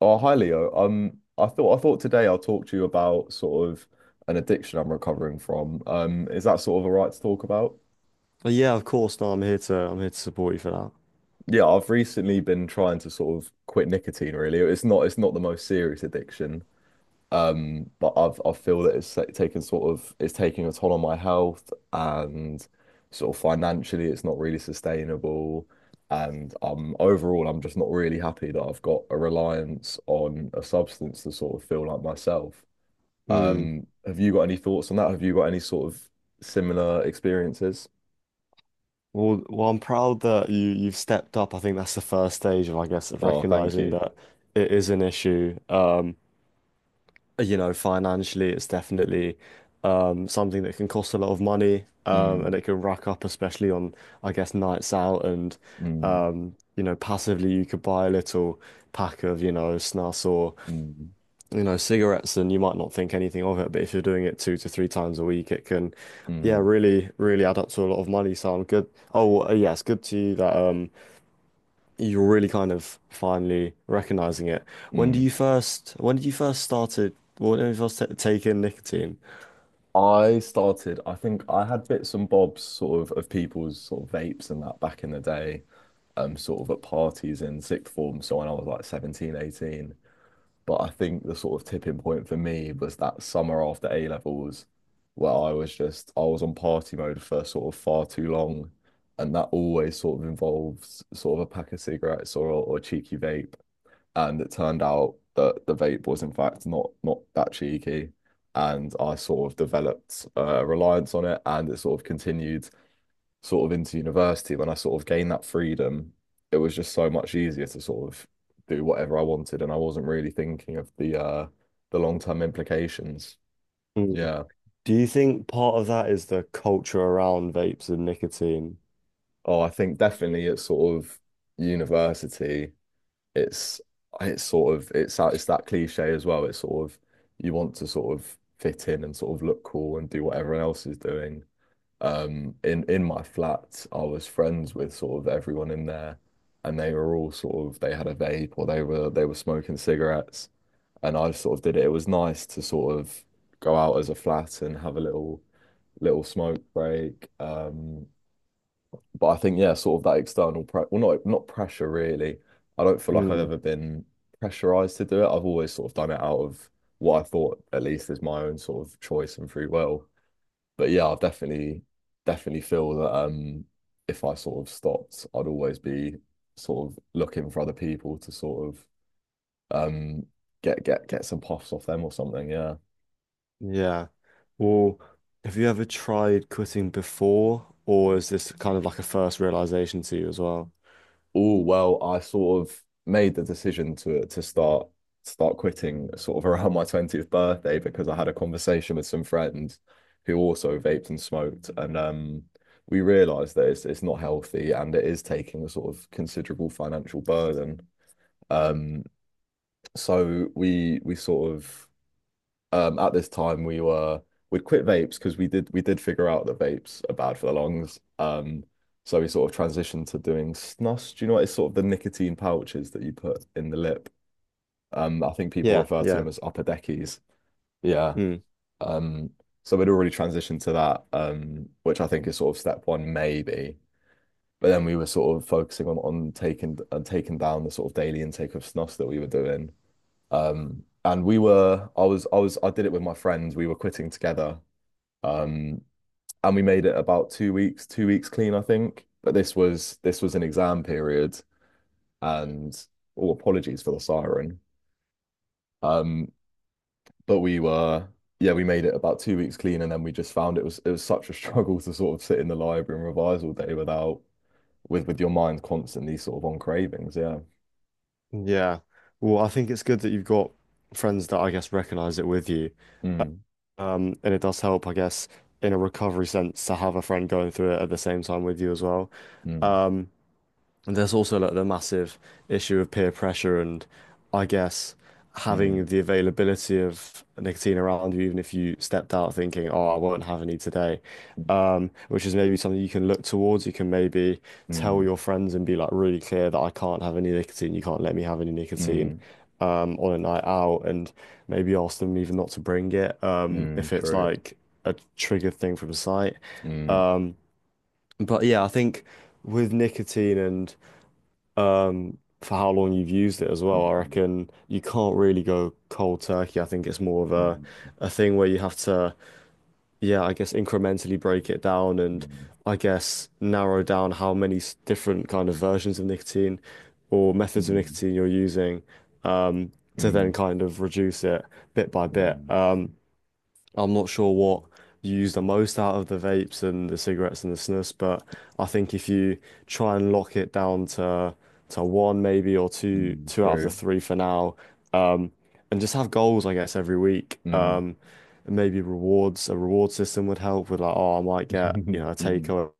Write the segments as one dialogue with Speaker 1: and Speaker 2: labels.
Speaker 1: Oh, hi Leo. I thought today I'll talk to you about sort of an addiction I'm recovering from. Is that sort of all right to talk about?
Speaker 2: But yeah, of course. No, I'm here to support you for that.
Speaker 1: Yeah, I've recently been trying to sort of quit nicotine really. It's not the most serious addiction. But I feel that it's, like, taken sort of it's taking a toll on my health, and sort of financially it's not really sustainable. And overall, I'm just not really happy that I've got a reliance on a substance to sort of feel like myself.
Speaker 2: Hmm.
Speaker 1: Have you got any thoughts on that? Have you got any sort of similar experiences?
Speaker 2: Well, I'm proud that you've stepped up. I think that's the first stage of, I guess, of
Speaker 1: Oh, thank
Speaker 2: recognizing
Speaker 1: you.
Speaker 2: that it is an issue. You know, financially, it's definitely something that can cost a lot of money. And
Speaker 1: Mm,
Speaker 2: it can rack up, especially on, I guess, nights out. And
Speaker 1: mm,
Speaker 2: you know, passively you could buy a little pack of, you know, snus or
Speaker 1: mm,
Speaker 2: you know, cigarettes, and you might not think anything of it, but if you're doing it two to three times a week, it can, yeah,
Speaker 1: mm,
Speaker 2: really, really add up to a lot of money. So I'm good? Oh, well, yeah, it's good to you that you're really kind of finally recognizing it. When do
Speaker 1: mm.
Speaker 2: you first? When did you first started? When did you first ta take in nicotine?
Speaker 1: I started, I think I had bits and bobs sort of people's sort of vapes and that back in the day, sort of at parties in sixth form. So when I was like 17, 18. But I think the sort of tipping point for me was that summer after A levels, where I was on party mode for sort of far too long, and that always sort of involves sort of a pack of cigarettes or a cheeky vape. And it turned out that the vape was in fact not that cheeky, and I sort of developed a reliance on it, and it sort of continued sort of into university, when I sort of gained that freedom, it was just so much easier to sort of do whatever I wanted, and I wasn't really thinking of the long-term implications.
Speaker 2: Mm.
Speaker 1: Yeah.
Speaker 2: Do you think part of that is the culture around vapes and nicotine?
Speaker 1: Oh, I think definitely at sort of university, it's it's sort of it's that cliche as well. It's sort of you want to sort of fit in and sort of look cool and do what everyone else is doing. In my flat, I was friends with sort of everyone in there, and they were all sort of, they had a vape or they were smoking cigarettes, and I sort of did it. It was nice to sort of go out as a flat and have a little smoke break. But I think, yeah, sort of that external pre well, not pressure really. I don't feel like I've
Speaker 2: Mm.
Speaker 1: ever been pressurized to do it. I've always sort of done it out of what I thought at least is my own sort of choice and free will, but yeah, I definitely feel that, if I sort of stopped, I'd always be sort of looking for other people to sort of, um get some puffs off them or something. Yeah.
Speaker 2: Yeah. Well, have you ever tried quitting before, or is this kind of like a first realization to you as well?
Speaker 1: Oh well, I sort of made the decision to start quitting sort of around my 20th birthday, because I had a conversation with some friends who also vaped and smoked, and we realized that it's not healthy and it is taking a sort of considerable financial burden. um So we sort of, at this time we'd quit vapes because we did figure out that vapes are bad for the lungs. So we sort of transitioned to doing snus. Do you know what? It's sort of the nicotine pouches that you put in the lip. I think people
Speaker 2: Yeah,
Speaker 1: refer to
Speaker 2: yeah.
Speaker 1: them as upper deckies. Yeah.
Speaker 2: Mm.
Speaker 1: Um so we'd already transitioned to that, which I think is sort of step one maybe. But then we were sort of focusing on taking down the sort of daily intake of snus that we were doing. And we were, I was, I was, I did it with my friends. We were quitting together. Um, and we made it about 2 weeks, 2 weeks clean, I think. But this was an exam period, and, oh, apologies for the siren. Um, but yeah, we made it about 2 weeks clean, and then we just found it was such a struggle to sort of sit in the library and revise all day without with with your mind constantly sort of on cravings. Yeah.
Speaker 2: Yeah. Well, I think it's good that you've got friends that I guess recognize it with you.
Speaker 1: Mm,
Speaker 2: And it does help, I guess, in a recovery sense to have a friend going through it at the same time with you as well.
Speaker 1: mm,
Speaker 2: Um, And there's also like the massive issue of peer pressure and I guess having
Speaker 1: mm,
Speaker 2: the availability of nicotine around you, even if you stepped out thinking, oh, I won't have any today, which is maybe something you can look towards. You can maybe
Speaker 1: mm,
Speaker 2: tell
Speaker 1: mm,
Speaker 2: your friends and be like really clear that I can't have any nicotine. You can't let me have any nicotine.
Speaker 1: mm,
Speaker 2: On a night out, and maybe ask them even not to bring it,
Speaker 1: mm,
Speaker 2: if it's
Speaker 1: true.
Speaker 2: like a triggered thing from sight.
Speaker 1: Mm,
Speaker 2: Um, but yeah, I think with nicotine and for how long you've used it as
Speaker 1: mm.
Speaker 2: well. I
Speaker 1: Mm.
Speaker 2: reckon you can't really go cold turkey. I think it's more of a
Speaker 1: Mm,
Speaker 2: a thing where you have to, yeah, I guess incrementally break it down and
Speaker 1: mm,
Speaker 2: I guess narrow down how many different kind of versions of nicotine or methods of
Speaker 1: mm,
Speaker 2: nicotine you're using um, to then
Speaker 1: mm,
Speaker 2: kind of reduce it bit by bit.
Speaker 1: mm,
Speaker 2: I'm not sure what you use the most out of the vapes and the cigarettes and the snuffs, but I think if you try and lock it down to one maybe or two
Speaker 1: mm,
Speaker 2: two out of the
Speaker 1: true.
Speaker 2: three for now, um, and just have goals, I guess, every week.
Speaker 1: Mm.
Speaker 2: And maybe rewards, a reward system would help with like, oh, I might get, you know, a
Speaker 1: Mm,
Speaker 2: takeaway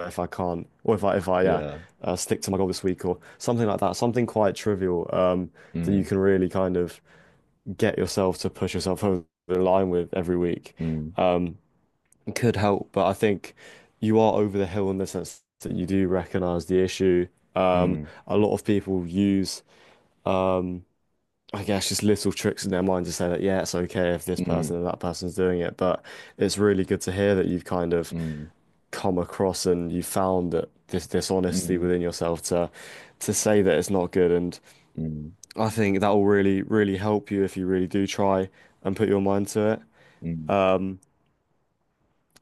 Speaker 2: if I can't, or if I yeah,
Speaker 1: Yeah.
Speaker 2: stick to my goal this week or something like that, something quite trivial, that you
Speaker 1: Mm,
Speaker 2: can really kind of get yourself to push yourself over the line with every week
Speaker 1: mm,
Speaker 2: um, could help. But I think you are over the hill in the sense that you do recognize the issue. Um,
Speaker 1: mm,
Speaker 2: a lot of people use, um, I guess, just little tricks in their mind to say that, yeah, it's okay if this person
Speaker 1: mm,
Speaker 2: and that person's doing it. But it's really good to hear that you've kind of
Speaker 1: mm,
Speaker 2: come across and you found that this dishonesty
Speaker 1: mm,
Speaker 2: within yourself to say that it's not good. And
Speaker 1: mm,
Speaker 2: I think that will really, really help you if you really do try and put your mind to it.
Speaker 1: mm,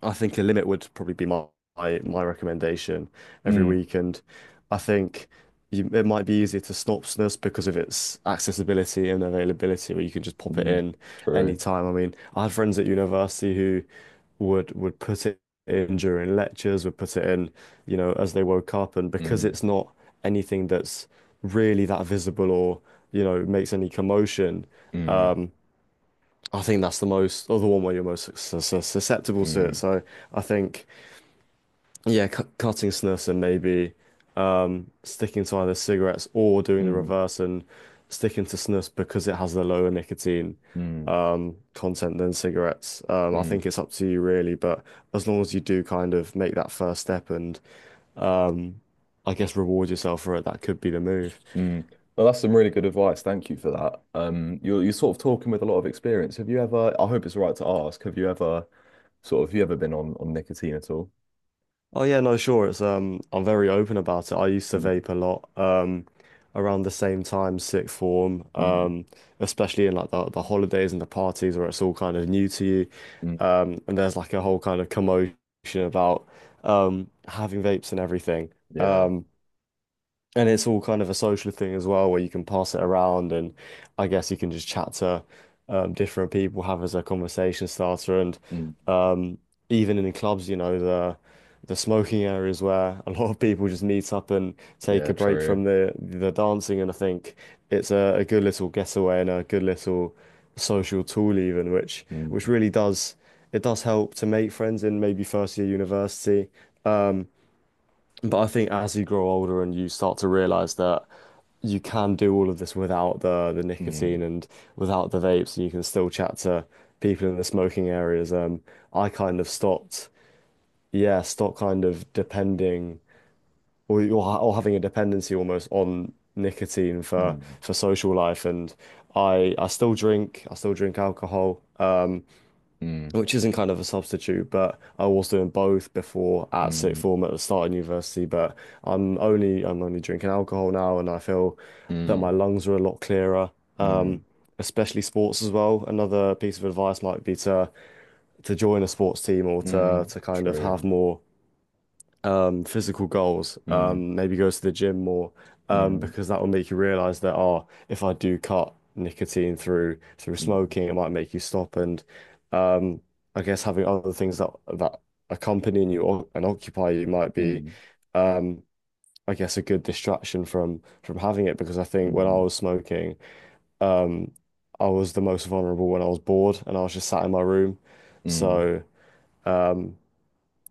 Speaker 2: I think a limit would probably be my recommendation every
Speaker 1: mm,
Speaker 2: week, and I think you, it might be easier to Snopsness because of its accessibility and availability, where you can just pop it
Speaker 1: mm,
Speaker 2: in any
Speaker 1: true.
Speaker 2: time. I mean, I had friends at university who would put it in during lectures, would put it in, you know, as they woke up, and because
Speaker 1: Mm,
Speaker 2: it's not anything that's really that visible or you know makes any commotion,
Speaker 1: mm,
Speaker 2: I think that's the most or the one where you're most susceptible to it.
Speaker 1: mm,
Speaker 2: So I think. Yeah, cutting snus and maybe sticking to either cigarettes or doing the
Speaker 1: mm,
Speaker 2: reverse and sticking to snus because it has the lower nicotine
Speaker 1: mm,
Speaker 2: content than cigarettes. I think
Speaker 1: mm,
Speaker 2: it's up to you really, but as long as you do kind of make that first step and um, I guess reward yourself for it, that could be the move.
Speaker 1: mm. Well, that's some really good advice. Thank you for that. You're sort of talking with a lot of experience. Have you ever, I hope it's all right to ask, have you ever been on nicotine at all?
Speaker 2: Oh yeah, no, sure. It's I'm very open about it. I used to
Speaker 1: Mm,
Speaker 2: vape a lot, around the same time, sixth form,
Speaker 1: mm,
Speaker 2: especially in like the holidays and the parties where it's all kind of new to you,
Speaker 1: mm,
Speaker 2: and there's like a whole kind of commotion about having vapes and everything.
Speaker 1: yeah.
Speaker 2: Um, and it's all kind of a social thing as well, where you can pass it around, and I guess you can just chat to different people, have as a conversation starter, and
Speaker 1: Mm.
Speaker 2: um, even in the clubs, you know, the smoking areas where a lot of people just meet up and take
Speaker 1: Yeah,
Speaker 2: a break
Speaker 1: true.
Speaker 2: from the dancing, and I think it's a good little getaway and a good little social tool even, which
Speaker 1: Mm,
Speaker 2: really does it does help to make friends in maybe first year university. But I think as you grow older and you start to realize that you can do all of this without the the
Speaker 1: mm,
Speaker 2: nicotine and without the vapes, and you can still chat to people in the smoking areas. I kind of stopped, yeah, stopped kind of depending or or having a dependency almost on nicotine
Speaker 1: mm,
Speaker 2: for social life. And I still drink, I still drink alcohol.
Speaker 1: mm,
Speaker 2: Which isn't kind of a substitute, but I was doing both before at
Speaker 1: mm,
Speaker 2: sixth form at the start of university. But I'm only drinking alcohol now, and I feel that
Speaker 1: mm,
Speaker 2: my lungs are a lot clearer.
Speaker 1: mm,
Speaker 2: Um, Especially sports as well. Another piece of advice might be to join a sports team or
Speaker 1: mm,
Speaker 2: to kind of
Speaker 1: true.
Speaker 2: have more physical goals.
Speaker 1: Mm,
Speaker 2: Maybe goes to the gym more
Speaker 1: mm,
Speaker 2: because that will make you realize that oh, if I do cut nicotine through through
Speaker 1: mm,
Speaker 2: smoking, it might make you stop. And um, I guess having other things that that accompany you or, and occupy you might be,
Speaker 1: mm,
Speaker 2: um, I guess, a good distraction from having it. Because I think when I
Speaker 1: mm,
Speaker 2: was smoking, um, I was the most vulnerable when I was bored and I was just sat in my room.
Speaker 1: mm,
Speaker 2: So. um,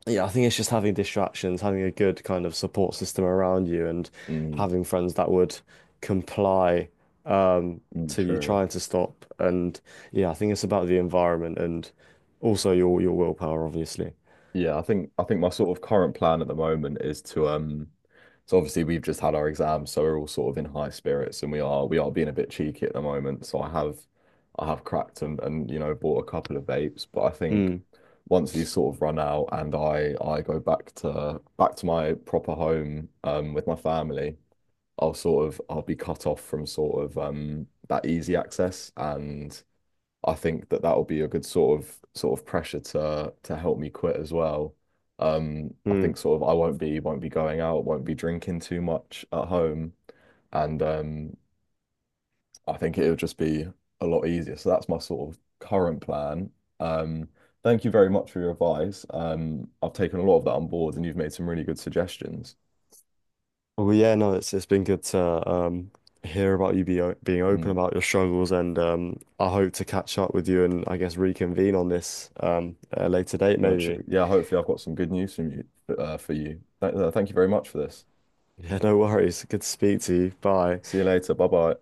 Speaker 2: yeah, I think it's just having distractions, having a good kind of support system around you, and
Speaker 1: mm,
Speaker 2: having friends that would comply um,
Speaker 1: mm,
Speaker 2: to you
Speaker 1: true.
Speaker 2: trying to stop. And yeah, I think it's about the environment and also your willpower, obviously.
Speaker 1: Yeah, I think my sort of current plan at the moment is to so obviously we've just had our exams, so we're all sort of in high spirits, and we are being a bit cheeky at the moment. So I have cracked and bought a couple of vapes, but I think
Speaker 2: Mm,
Speaker 1: once these sort of run out, and I go back to my proper home with my family, I'll sort of I'll be cut off from sort of that easy access, and I think that that'll be a good sort of pressure to help me quit as well. I
Speaker 2: mm.
Speaker 1: think sort of I won't be going out, won't be drinking too much at home, and I think it'll just be a lot easier. So that's my sort of current plan. Um, Thank you very much for your advice. I've taken a lot of that on board, and you've made some really good suggestions.
Speaker 2: Well, yeah, no, it's been good to hear about you being open
Speaker 1: Mm,
Speaker 2: about your struggles, and I hope to catch up with you and I guess reconvene on this at a later date,
Speaker 1: no,
Speaker 2: maybe.
Speaker 1: true. Yeah, hopefully I've got some good news from you, for you. Th Thank you very much for this.
Speaker 2: Yeah, no worries. Good to speak to you. Bye.
Speaker 1: See you later. Bye bye.